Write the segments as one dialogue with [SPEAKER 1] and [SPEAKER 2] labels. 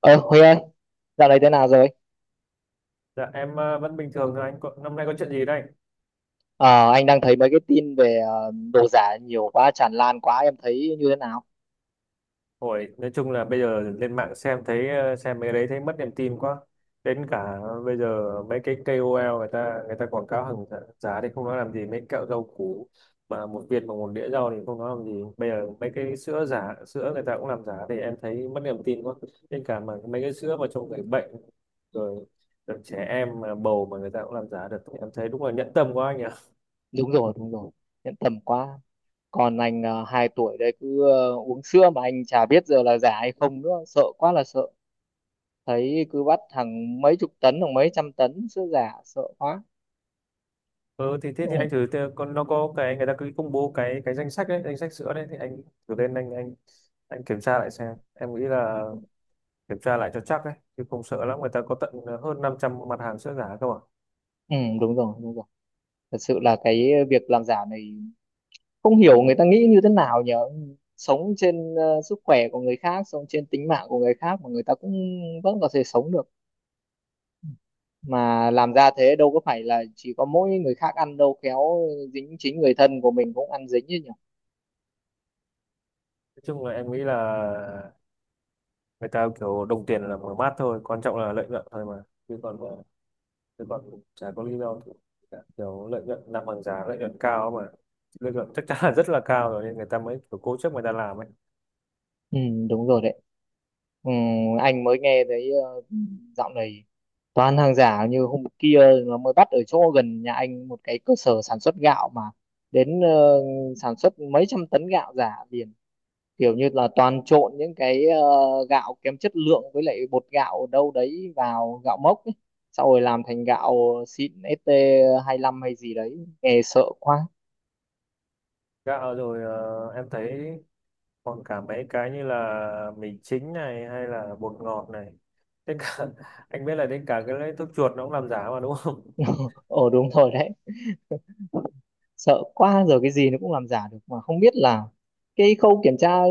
[SPEAKER 1] Ờ, Huy ơi, dạo này thế nào rồi?
[SPEAKER 2] Dạ em vẫn bình thường thôi anh có, năm nay có chuyện gì đây?
[SPEAKER 1] Ờ, anh đang thấy mấy cái tin về đồ giả nhiều quá, tràn lan quá, em thấy như thế nào?
[SPEAKER 2] Hồi nói chung là bây giờ lên mạng xem thấy xem mấy cái đấy thấy mất niềm tin quá. Đến cả bây giờ mấy cái ca O KOL người ta quảng cáo hàng giả giá thì không nói làm gì mấy kẹo rau củ mà một viên bằng một đĩa rau thì không nói làm gì. Bây giờ mấy cái sữa giả sữa người ta cũng làm giả thì em thấy mất niềm tin quá. Đến cả mà mấy cái sữa mà cho người bệnh rồi, rồi trẻ em mà bầu mà người ta cũng làm giả được thì em thấy đúng là nhẫn tâm quá anh nhỉ.
[SPEAKER 1] Đúng rồi, em tầm quá. Còn anh 2 tuổi đây cứ uống sữa mà anh chả biết giờ là giả hay không nữa, sợ quá là sợ. Thấy cứ bắt hàng mấy chục tấn, hàng mấy trăm tấn sữa giả, sợ quá.
[SPEAKER 2] Ừ, thì thế
[SPEAKER 1] Ừ,
[SPEAKER 2] thì con nó có cái người ta cứ công bố cái danh sách đấy danh sách sữa đấy thì anh thử lên anh kiểm tra lại xem em nghĩ là kiểm tra lại cho chắc đấy chứ không sợ lắm người ta có tận hơn 500 mặt hàng sữa giả cơ mà nói
[SPEAKER 1] ừ, đúng rồi, đúng rồi. Thật sự là cái việc làm giả này, không hiểu người ta nghĩ như thế nào nhỉ? Sống trên sức khỏe của người khác, sống trên tính mạng của người khác mà người ta cũng vẫn có thể sống được. Mà làm ra thế, đâu có phải là chỉ có mỗi người khác ăn đâu, khéo dính chính người thân của mình cũng ăn dính chứ nhỉ.
[SPEAKER 2] chung là em nghĩ là người ta kiểu đồng tiền là mở mát thôi quan trọng là lợi nhuận thôi mà chứ còn chứ còn chả có lý do gì cả. Kiểu lợi nhuận làm hàng giả lợi nhuận cao mà lợi nhuận chắc chắn là rất là cao rồi nên người ta mới kiểu cố chấp người ta làm ấy
[SPEAKER 1] Ừ, đúng rồi đấy. Ừ, anh mới nghe thấy dạo này toàn hàng giả. Như hôm kia nó mới bắt ở chỗ gần nhà anh một cái cơ sở sản xuất gạo, mà đến sản xuất mấy trăm tấn gạo giả liền, kiểu như là toàn trộn những cái gạo kém chất lượng với lại bột gạo đâu đấy vào gạo mốc ấy. Sau rồi làm thành gạo xịn, st lăm hay gì đấy, nghe sợ quá.
[SPEAKER 2] gạo rồi em thấy còn cả mấy cái như là mì chính này hay là bột ngọt này đến cả anh biết là đến cả cái lấy thuốc chuột nó cũng làm giả mà đúng không?
[SPEAKER 1] Ờ Đúng rồi đấy. Sợ quá, giờ cái gì nó cũng làm giả được, mà không biết là cái khâu kiểm tra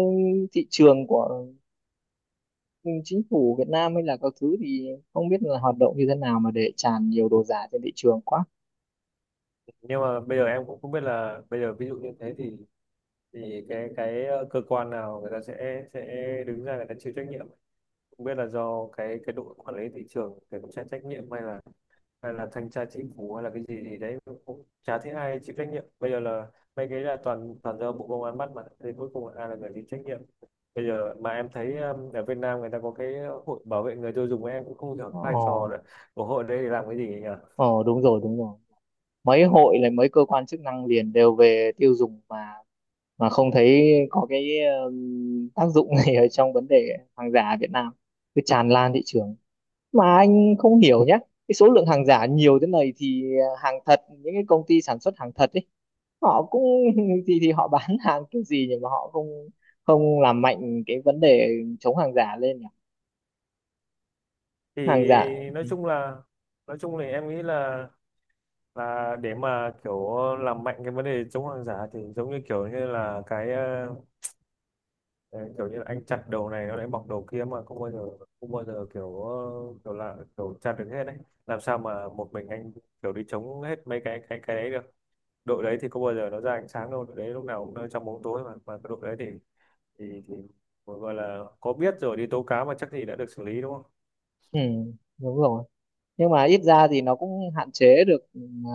[SPEAKER 1] thị trường của chính phủ Việt Nam hay là các thứ thì không biết là hoạt động như thế nào mà để tràn nhiều đồ giả trên thị trường quá.
[SPEAKER 2] Nhưng mà bây giờ em cũng không biết là bây giờ ví dụ như thế thì cái cơ quan nào người ta sẽ đứng ra người ta chịu trách nhiệm, không biết là do cái đội quản lý thị trường để cũng sẽ trách nhiệm hay là thanh tra chính phủ hay là cái gì gì đấy, cũng chả thấy ai chịu trách nhiệm bây giờ là mấy cái là toàn toàn do bộ công an bắt mà thì cuối cùng ai là người chịu trách nhiệm bây giờ mà em thấy ở Việt Nam người ta có cái hội bảo vệ người tiêu dùng, em cũng không hiểu cái vai trò
[SPEAKER 1] Ờ,
[SPEAKER 2] là của hội đấy để làm cái gì nhỉ.
[SPEAKER 1] ờ, đúng rồi, đúng rồi. Mấy hội là mấy cơ quan chức năng liền đều về tiêu dùng, mà không thấy có cái tác dụng này ở trong vấn đề hàng giả ở Việt Nam, cứ tràn lan thị trường. Mà anh không hiểu nhé, cái số lượng hàng giả nhiều thế này thì hàng thật, những cái công ty sản xuất hàng thật ấy, họ cũng thì họ bán hàng kiểu gì, nhưng mà họ không không làm mạnh cái vấn đề chống hàng giả lên nhỉ.
[SPEAKER 2] Thì
[SPEAKER 1] Hàng giả.
[SPEAKER 2] nói chung là nói chung thì em nghĩ là để mà kiểu làm mạnh cái vấn đề chống hàng giả thì giống như kiểu như là đấy, kiểu như là anh chặt đầu này nó lại mọc đầu kia mà không bao giờ kiểu kiểu là kiểu chặt được hết đấy, làm sao mà một mình anh kiểu đi chống hết mấy cái đấy được, đội đấy thì không bao giờ nó ra ánh sáng đâu, đội đấy lúc nào cũng ở trong bóng tối mà cái đội đấy thì thì gọi là có biết rồi đi tố cáo mà chắc gì đã được xử lý đúng không?
[SPEAKER 1] Ừ, đúng rồi. Nhưng mà ít ra thì nó cũng hạn chế được ờ,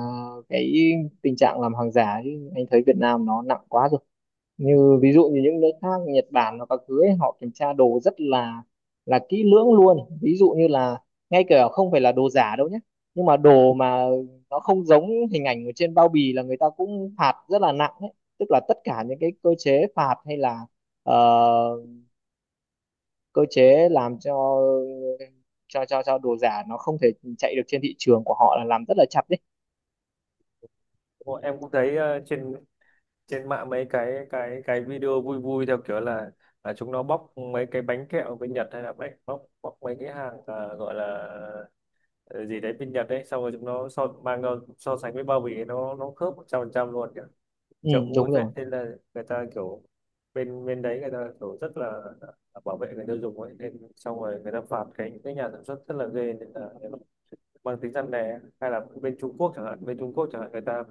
[SPEAKER 1] cái tình trạng làm hàng giả chứ. Anh thấy Việt Nam nó nặng quá rồi, như ví dụ như những nước khác Nhật Bản hoặc các thứ ấy, họ kiểm tra đồ rất là kỹ lưỡng luôn. Ví dụ như là ngay cả không phải là đồ giả đâu nhé, nhưng mà đồ mà nó không giống hình ảnh ở trên bao bì là người ta cũng phạt rất là nặng ấy. Tức là tất cả những cái cơ chế phạt hay là ờ, cơ chế làm cho đồ giả nó không thể chạy được trên thị trường của họ, là làm rất là chặt đấy.
[SPEAKER 2] Đúng rồi, em cũng thấy trên trên mạng mấy cái video vui vui theo kiểu là chúng nó bóc mấy cái bánh kẹo bên Nhật hay là bánh bóc bóc mấy cái hàng gọi là ờ, gì đấy bên Nhật đấy xong rồi chúng nó so mang ra so sánh với bao bì, nó khớp 100% luôn kìa,
[SPEAKER 1] Ừ,
[SPEAKER 2] chợ cũng
[SPEAKER 1] đúng
[SPEAKER 2] vui phết
[SPEAKER 1] rồi.
[SPEAKER 2] nên là người ta kiểu bên bên đấy người ta kiểu rất là bảo vệ người tiêu dùng ấy nên xong rồi người ta phạt cái nhà sản xuất rất là ghê nên là mang tính răn đe. Hay là bên Trung Quốc chẳng hạn, người ta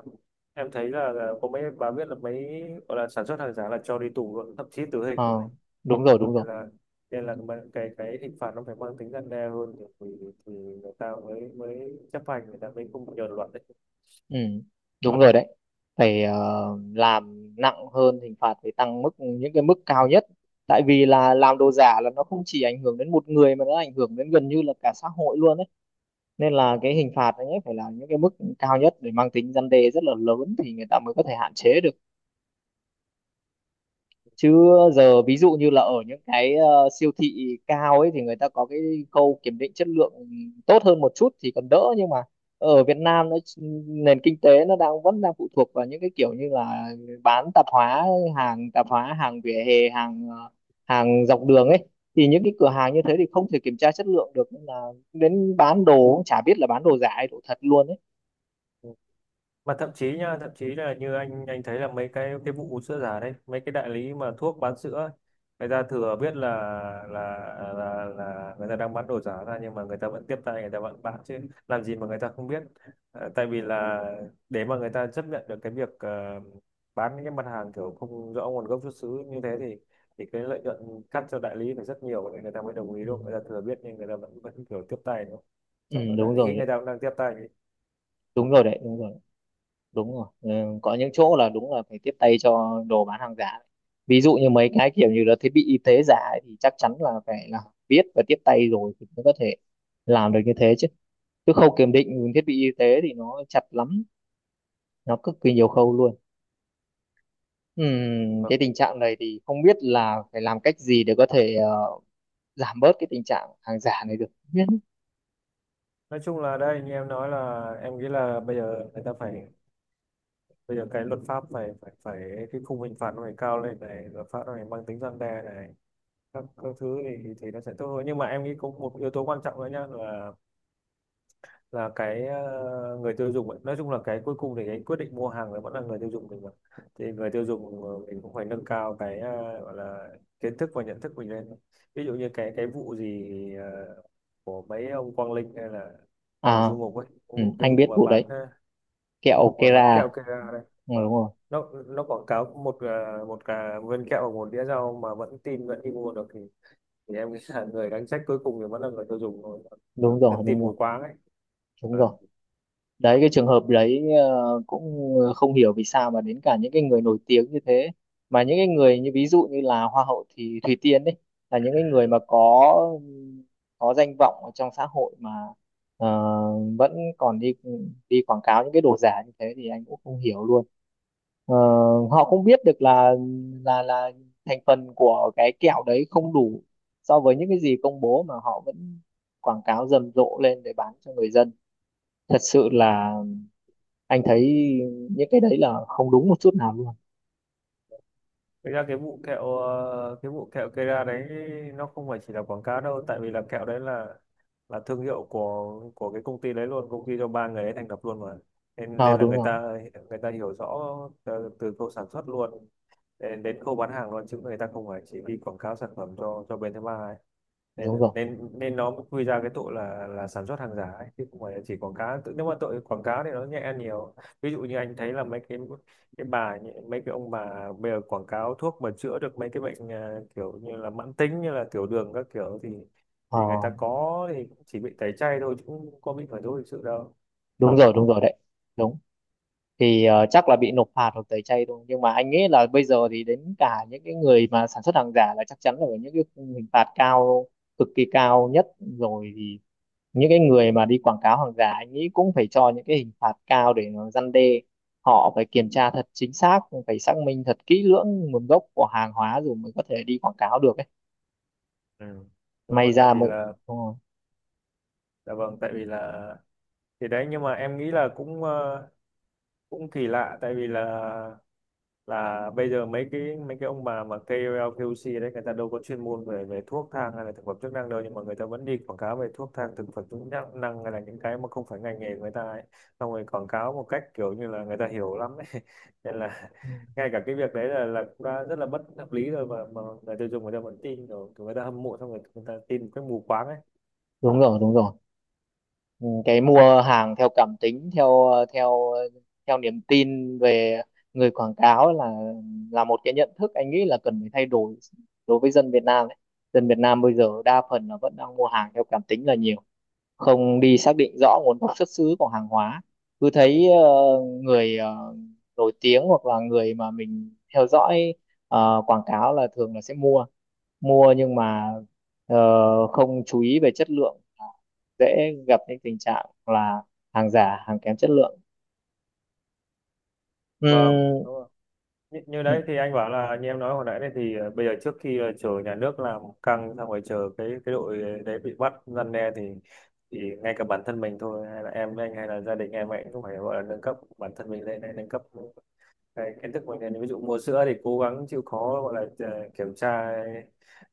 [SPEAKER 2] em thấy là có mấy bà biết là mấy gọi là sản xuất hàng giả là cho đi tù luôn thậm chí tử hình
[SPEAKER 1] Ờ,
[SPEAKER 2] luôn,
[SPEAKER 1] đúng rồi, đúng rồi.
[SPEAKER 2] nên là nên là mà cái hình phạt nó phải mang tính răn đe hơn thì, thì người ta mới mới chấp hành, người ta mới không nhờn luật đấy.
[SPEAKER 1] Ừ, đúng rồi đấy. Phải làm nặng hơn, hình phạt phải tăng mức, những cái mức cao nhất. Tại vì là làm đồ giả là nó không chỉ ảnh hưởng đến một người mà nó ảnh hưởng đến gần như là cả xã hội luôn đấy. Nên là cái hình phạt ấy phải là những cái mức cao nhất để mang tính răn đe rất là lớn thì người ta mới có thể hạn chế được. Chứ giờ ví dụ như là ở những cái siêu thị cao ấy thì người ta có cái khâu kiểm định chất lượng tốt hơn một chút thì còn đỡ. Nhưng mà ở Việt Nam nó, nền kinh tế nó đang vẫn đang phụ thuộc vào những cái kiểu như là bán tạp hóa, hàng tạp hóa, hàng vỉa hè, hàng hàng dọc đường ấy, thì những cái cửa hàng như thế thì không thể kiểm tra chất lượng được, nên là đến bán đồ cũng chả biết là bán đồ giả hay đồ thật luôn ấy.
[SPEAKER 2] Mà thậm chí nha, thậm chí là như anh thấy là mấy cái vụ sữa giả đấy, mấy cái đại lý mà thuốc bán sữa ấy, người ta thừa biết là là là người ta đang bán đồ giả ra nhưng mà người ta vẫn tiếp tay người ta vẫn bán chứ, làm gì mà người ta không biết. Ờ, tại vì là để mà người ta chấp nhận được cái việc bán những cái mặt hàng kiểu không rõ nguồn gốc xuất xứ như thế thì cái lợi nhuận cắt cho đại lý phải rất nhiều để người ta mới đồng ý
[SPEAKER 1] Ừ,
[SPEAKER 2] đúng không, người ta thừa biết nhưng người ta vẫn vẫn kiểu tiếp tay đúng không.
[SPEAKER 1] ừ,
[SPEAKER 2] Sợ đại
[SPEAKER 1] đúng rồi
[SPEAKER 2] lý
[SPEAKER 1] đấy.
[SPEAKER 2] người ta cũng đang tiếp tay.
[SPEAKER 1] Đúng rồi đấy, đúng rồi, đúng rồi. Ừ, có những chỗ là đúng là phải tiếp tay cho đồ bán hàng giả. Ví dụ như mấy cái kiểu như là thiết bị y tế giả ấy, thì chắc chắn là phải là biết và tiếp tay rồi thì mới có thể làm được như thế chứ. Chứ khâu kiểm định thiết bị y tế thì nó chặt lắm, nó cực kỳ nhiều khâu luôn. Cái tình trạng này thì không biết là phải làm cách gì để có thể giảm bớt cái tình trạng hàng giả này được. Không biết.
[SPEAKER 2] Nói chung là đây như em nói là em nghĩ là bây giờ người ta phải bây giờ cái luật pháp phải phải phải cái khung hình phạt nó phải cao lên này, luật pháp nó phải mang tính răn đe này, các thứ thì nó sẽ tốt hơn, nhưng mà em nghĩ có một yếu tố quan trọng nữa nhá là người tiêu dùng ấy. Nói chung là cái cuối cùng thì cái quyết định mua hàng là vẫn là người tiêu dùng mình mà, thì người tiêu dùng mình cũng phải nâng cao gọi là kiến thức và nhận thức mình lên, ví dụ như cái vụ gì ờ, của mấy ông Quang Linh hay là thằng
[SPEAKER 1] À,
[SPEAKER 2] Du Mục ấy, cái
[SPEAKER 1] ừ,
[SPEAKER 2] vụ
[SPEAKER 1] anh biết vụ đấy,
[SPEAKER 2] cái vụ
[SPEAKER 1] kẹo
[SPEAKER 2] mà bán
[SPEAKER 1] Kera.
[SPEAKER 2] kẹo Kera đấy.
[SPEAKER 1] Ừ, đúng
[SPEAKER 2] Vâng.
[SPEAKER 1] rồi,
[SPEAKER 2] Nó quảng cáo một ờ, một cả viên kẹo và một đĩa rau mà vẫn tin vẫn đi mua được thì em nghĩ là người đáng trách cuối cùng thì vẫn là người tiêu dùng thôi.
[SPEAKER 1] đúng
[SPEAKER 2] Người-
[SPEAKER 1] rồi.
[SPEAKER 2] Tin
[SPEAKER 1] Đúng rồi,
[SPEAKER 2] mù quáng ấy.
[SPEAKER 1] đúng rồi đấy. Cái trường hợp đấy cũng không hiểu vì sao mà đến cả những cái người nổi tiếng như thế. Mà những cái người như ví dụ như là hoa hậu thì Thùy Tiên đấy, là những cái người mà có danh vọng ở trong xã hội mà ờ, vẫn còn đi đi quảng cáo những cái đồ giả như thế, thì anh cũng không hiểu luôn. Ờ, họ không biết được là là thành phần của cái kẹo đấy không đủ so với những cái gì công bố, mà họ vẫn quảng cáo rầm rộ lên để bán cho người dân. Thật sự là anh thấy những cái đấy là không đúng một chút nào luôn.
[SPEAKER 2] Thực ra cái vụ kẹo ờ, cái vụ kẹo Kera đấy, nó không phải chỉ là quảng cáo đâu tại vì là kẹo đấy là thương hiệu của cái công ty đấy luôn, công ty do ba người ấy thành lập luôn mà, nên
[SPEAKER 1] Ờ,
[SPEAKER 2] nên là
[SPEAKER 1] đúng rồi,
[SPEAKER 2] người ta hiểu rõ từ khâu sản xuất luôn đến đến khâu bán hàng luôn, chứ người ta không phải chỉ đi quảng cáo sản phẩm cho bên thứ ba ấy, nên
[SPEAKER 1] đúng rồi.
[SPEAKER 2] nên nên nó mới quy ra cái tội là sản xuất hàng giả ấy, chứ không phải là chỉ quảng cáo. Nếu mà tội quảng cáo thì nó nhẹ hơn nhiều, ví dụ như anh thấy là mấy cái mấy cái ông bà bây giờ quảng cáo thuốc mà chữa được mấy cái bệnh à, kiểu như là mãn tính như là tiểu đường các kiểu
[SPEAKER 1] Ờ,
[SPEAKER 2] thì người ta có thì cũng chỉ bị tẩy chay thôi chứ cũng không có bị khởi tố hình sự đâu.
[SPEAKER 1] đúng rồi, đúng rồi đấy. Đúng. Thì chắc là bị nộp phạt hoặc tẩy chay thôi, nhưng mà anh nghĩ là bây giờ thì đến cả những cái người mà sản xuất hàng giả là chắc chắn là phải những cái khung hình phạt cao, cực kỳ cao nhất rồi. Thì những cái người mà đi quảng cáo hàng giả, anh nghĩ cũng phải cho những cái hình phạt cao để nó răn đe. Họ phải kiểm tra thật chính xác, phải xác minh thật kỹ lưỡng nguồn gốc của hàng hóa rồi mới có thể đi quảng cáo được ấy.
[SPEAKER 2] Ừ. Đúng
[SPEAKER 1] May
[SPEAKER 2] rồi tại
[SPEAKER 1] ra
[SPEAKER 2] vì
[SPEAKER 1] mới
[SPEAKER 2] là
[SPEAKER 1] đúng rồi.
[SPEAKER 2] dạ vâng tại vì là thì đấy nhưng mà em nghĩ là cũng cũng kỳ lạ tại vì là bây giờ mấy cái ông bà mà KOL KOC đấy người ta đâu có chuyên môn về về thuốc thang hay là thực phẩm chức năng đâu, nhưng mà người ta vẫn đi quảng cáo về thuốc thang thực phẩm chức năng năng hay là những cái mà không phải ngành nghề của người ta ấy, xong rồi quảng cáo một cách kiểu như là người ta hiểu lắm ấy nên là
[SPEAKER 1] Ừ,
[SPEAKER 2] ngay cả cái việc đấy là cũng đã rất là bất hợp lý rồi, mà người tiêu dùng người ta vẫn tin rồi kiểu người ta hâm mộ xong rồi người ta tin một cách mù quáng ấy.
[SPEAKER 1] đúng rồi, đúng rồi. Ừ, cái mua hàng theo cảm tính, theo theo theo niềm tin về người quảng cáo là một cái nhận thức anh nghĩ là cần phải thay đổi đối với dân Việt Nam đấy. Dân Việt Nam bây giờ đa phần là vẫn đang mua hàng theo cảm tính là nhiều, không đi xác định rõ nguồn gốc xuất xứ của hàng hóa. Cứ thấy người nổi tiếng hoặc là người mà mình theo dõi quảng cáo là thường là sẽ mua mua. Nhưng mà ờ, không chú ý về chất lượng, dễ gặp những tình trạng là hàng giả, hàng kém chất lượng.
[SPEAKER 2] Vâng,
[SPEAKER 1] Ừ,
[SPEAKER 2] đúng rồi. Như, như
[SPEAKER 1] ừ,
[SPEAKER 2] đấy thì anh bảo là như em nói hồi nãy này thì bây giờ trước khi là chờ nhà nước làm căng xong rồi chờ cái đội đấy bị bắt răn đe thì ngay cả bản thân mình thôi hay là em với anh hay là gia đình em ấy cũng phải gọi là nâng cấp bản thân mình lên hay nâng cấp cái kiến thức mình lên, ví dụ mua sữa thì cố gắng chịu khó gọi là ờ, kiểm tra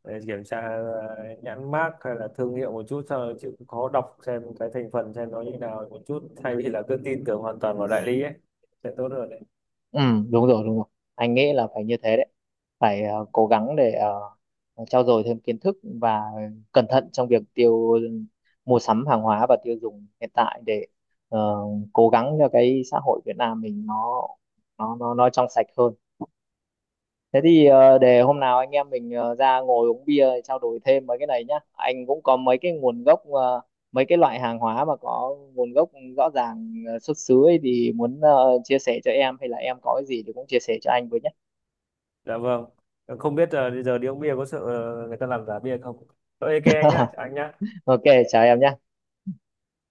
[SPEAKER 2] ờ, kiểm tra nhãn mác hay là thương hiệu một chút sau đó chịu khó đọc xem cái thành phần xem nó như nào một chút thay vì là cứ tin tưởng hoàn toàn vào đại lý ấy sẽ tốt hơn.
[SPEAKER 1] ừ, đúng rồi, đúng rồi. Anh nghĩ là phải như thế đấy, phải cố gắng để trau dồi thêm kiến thức và cẩn thận trong việc mua sắm hàng hóa và tiêu dùng hiện tại, để ờ, cố gắng cho cái xã hội Việt Nam mình nó trong sạch hơn. Thế thì để hôm nào anh em mình ra ngồi uống bia trao đổi thêm mấy cái này nhá. Anh cũng có mấy cái nguồn gốc mấy cái loại hàng hóa mà có nguồn gốc rõ ràng xuất xứ ấy, thì muốn chia sẻ cho em, hay là em có cái gì thì cũng chia sẻ cho anh với nhé.
[SPEAKER 2] Dạ vâng. Không biết bây giờ đi uống bia có sợ người ta làm giả bia không? Ờ, ok anh nhá, chào anh nhá.
[SPEAKER 1] Ok, chào em nhé.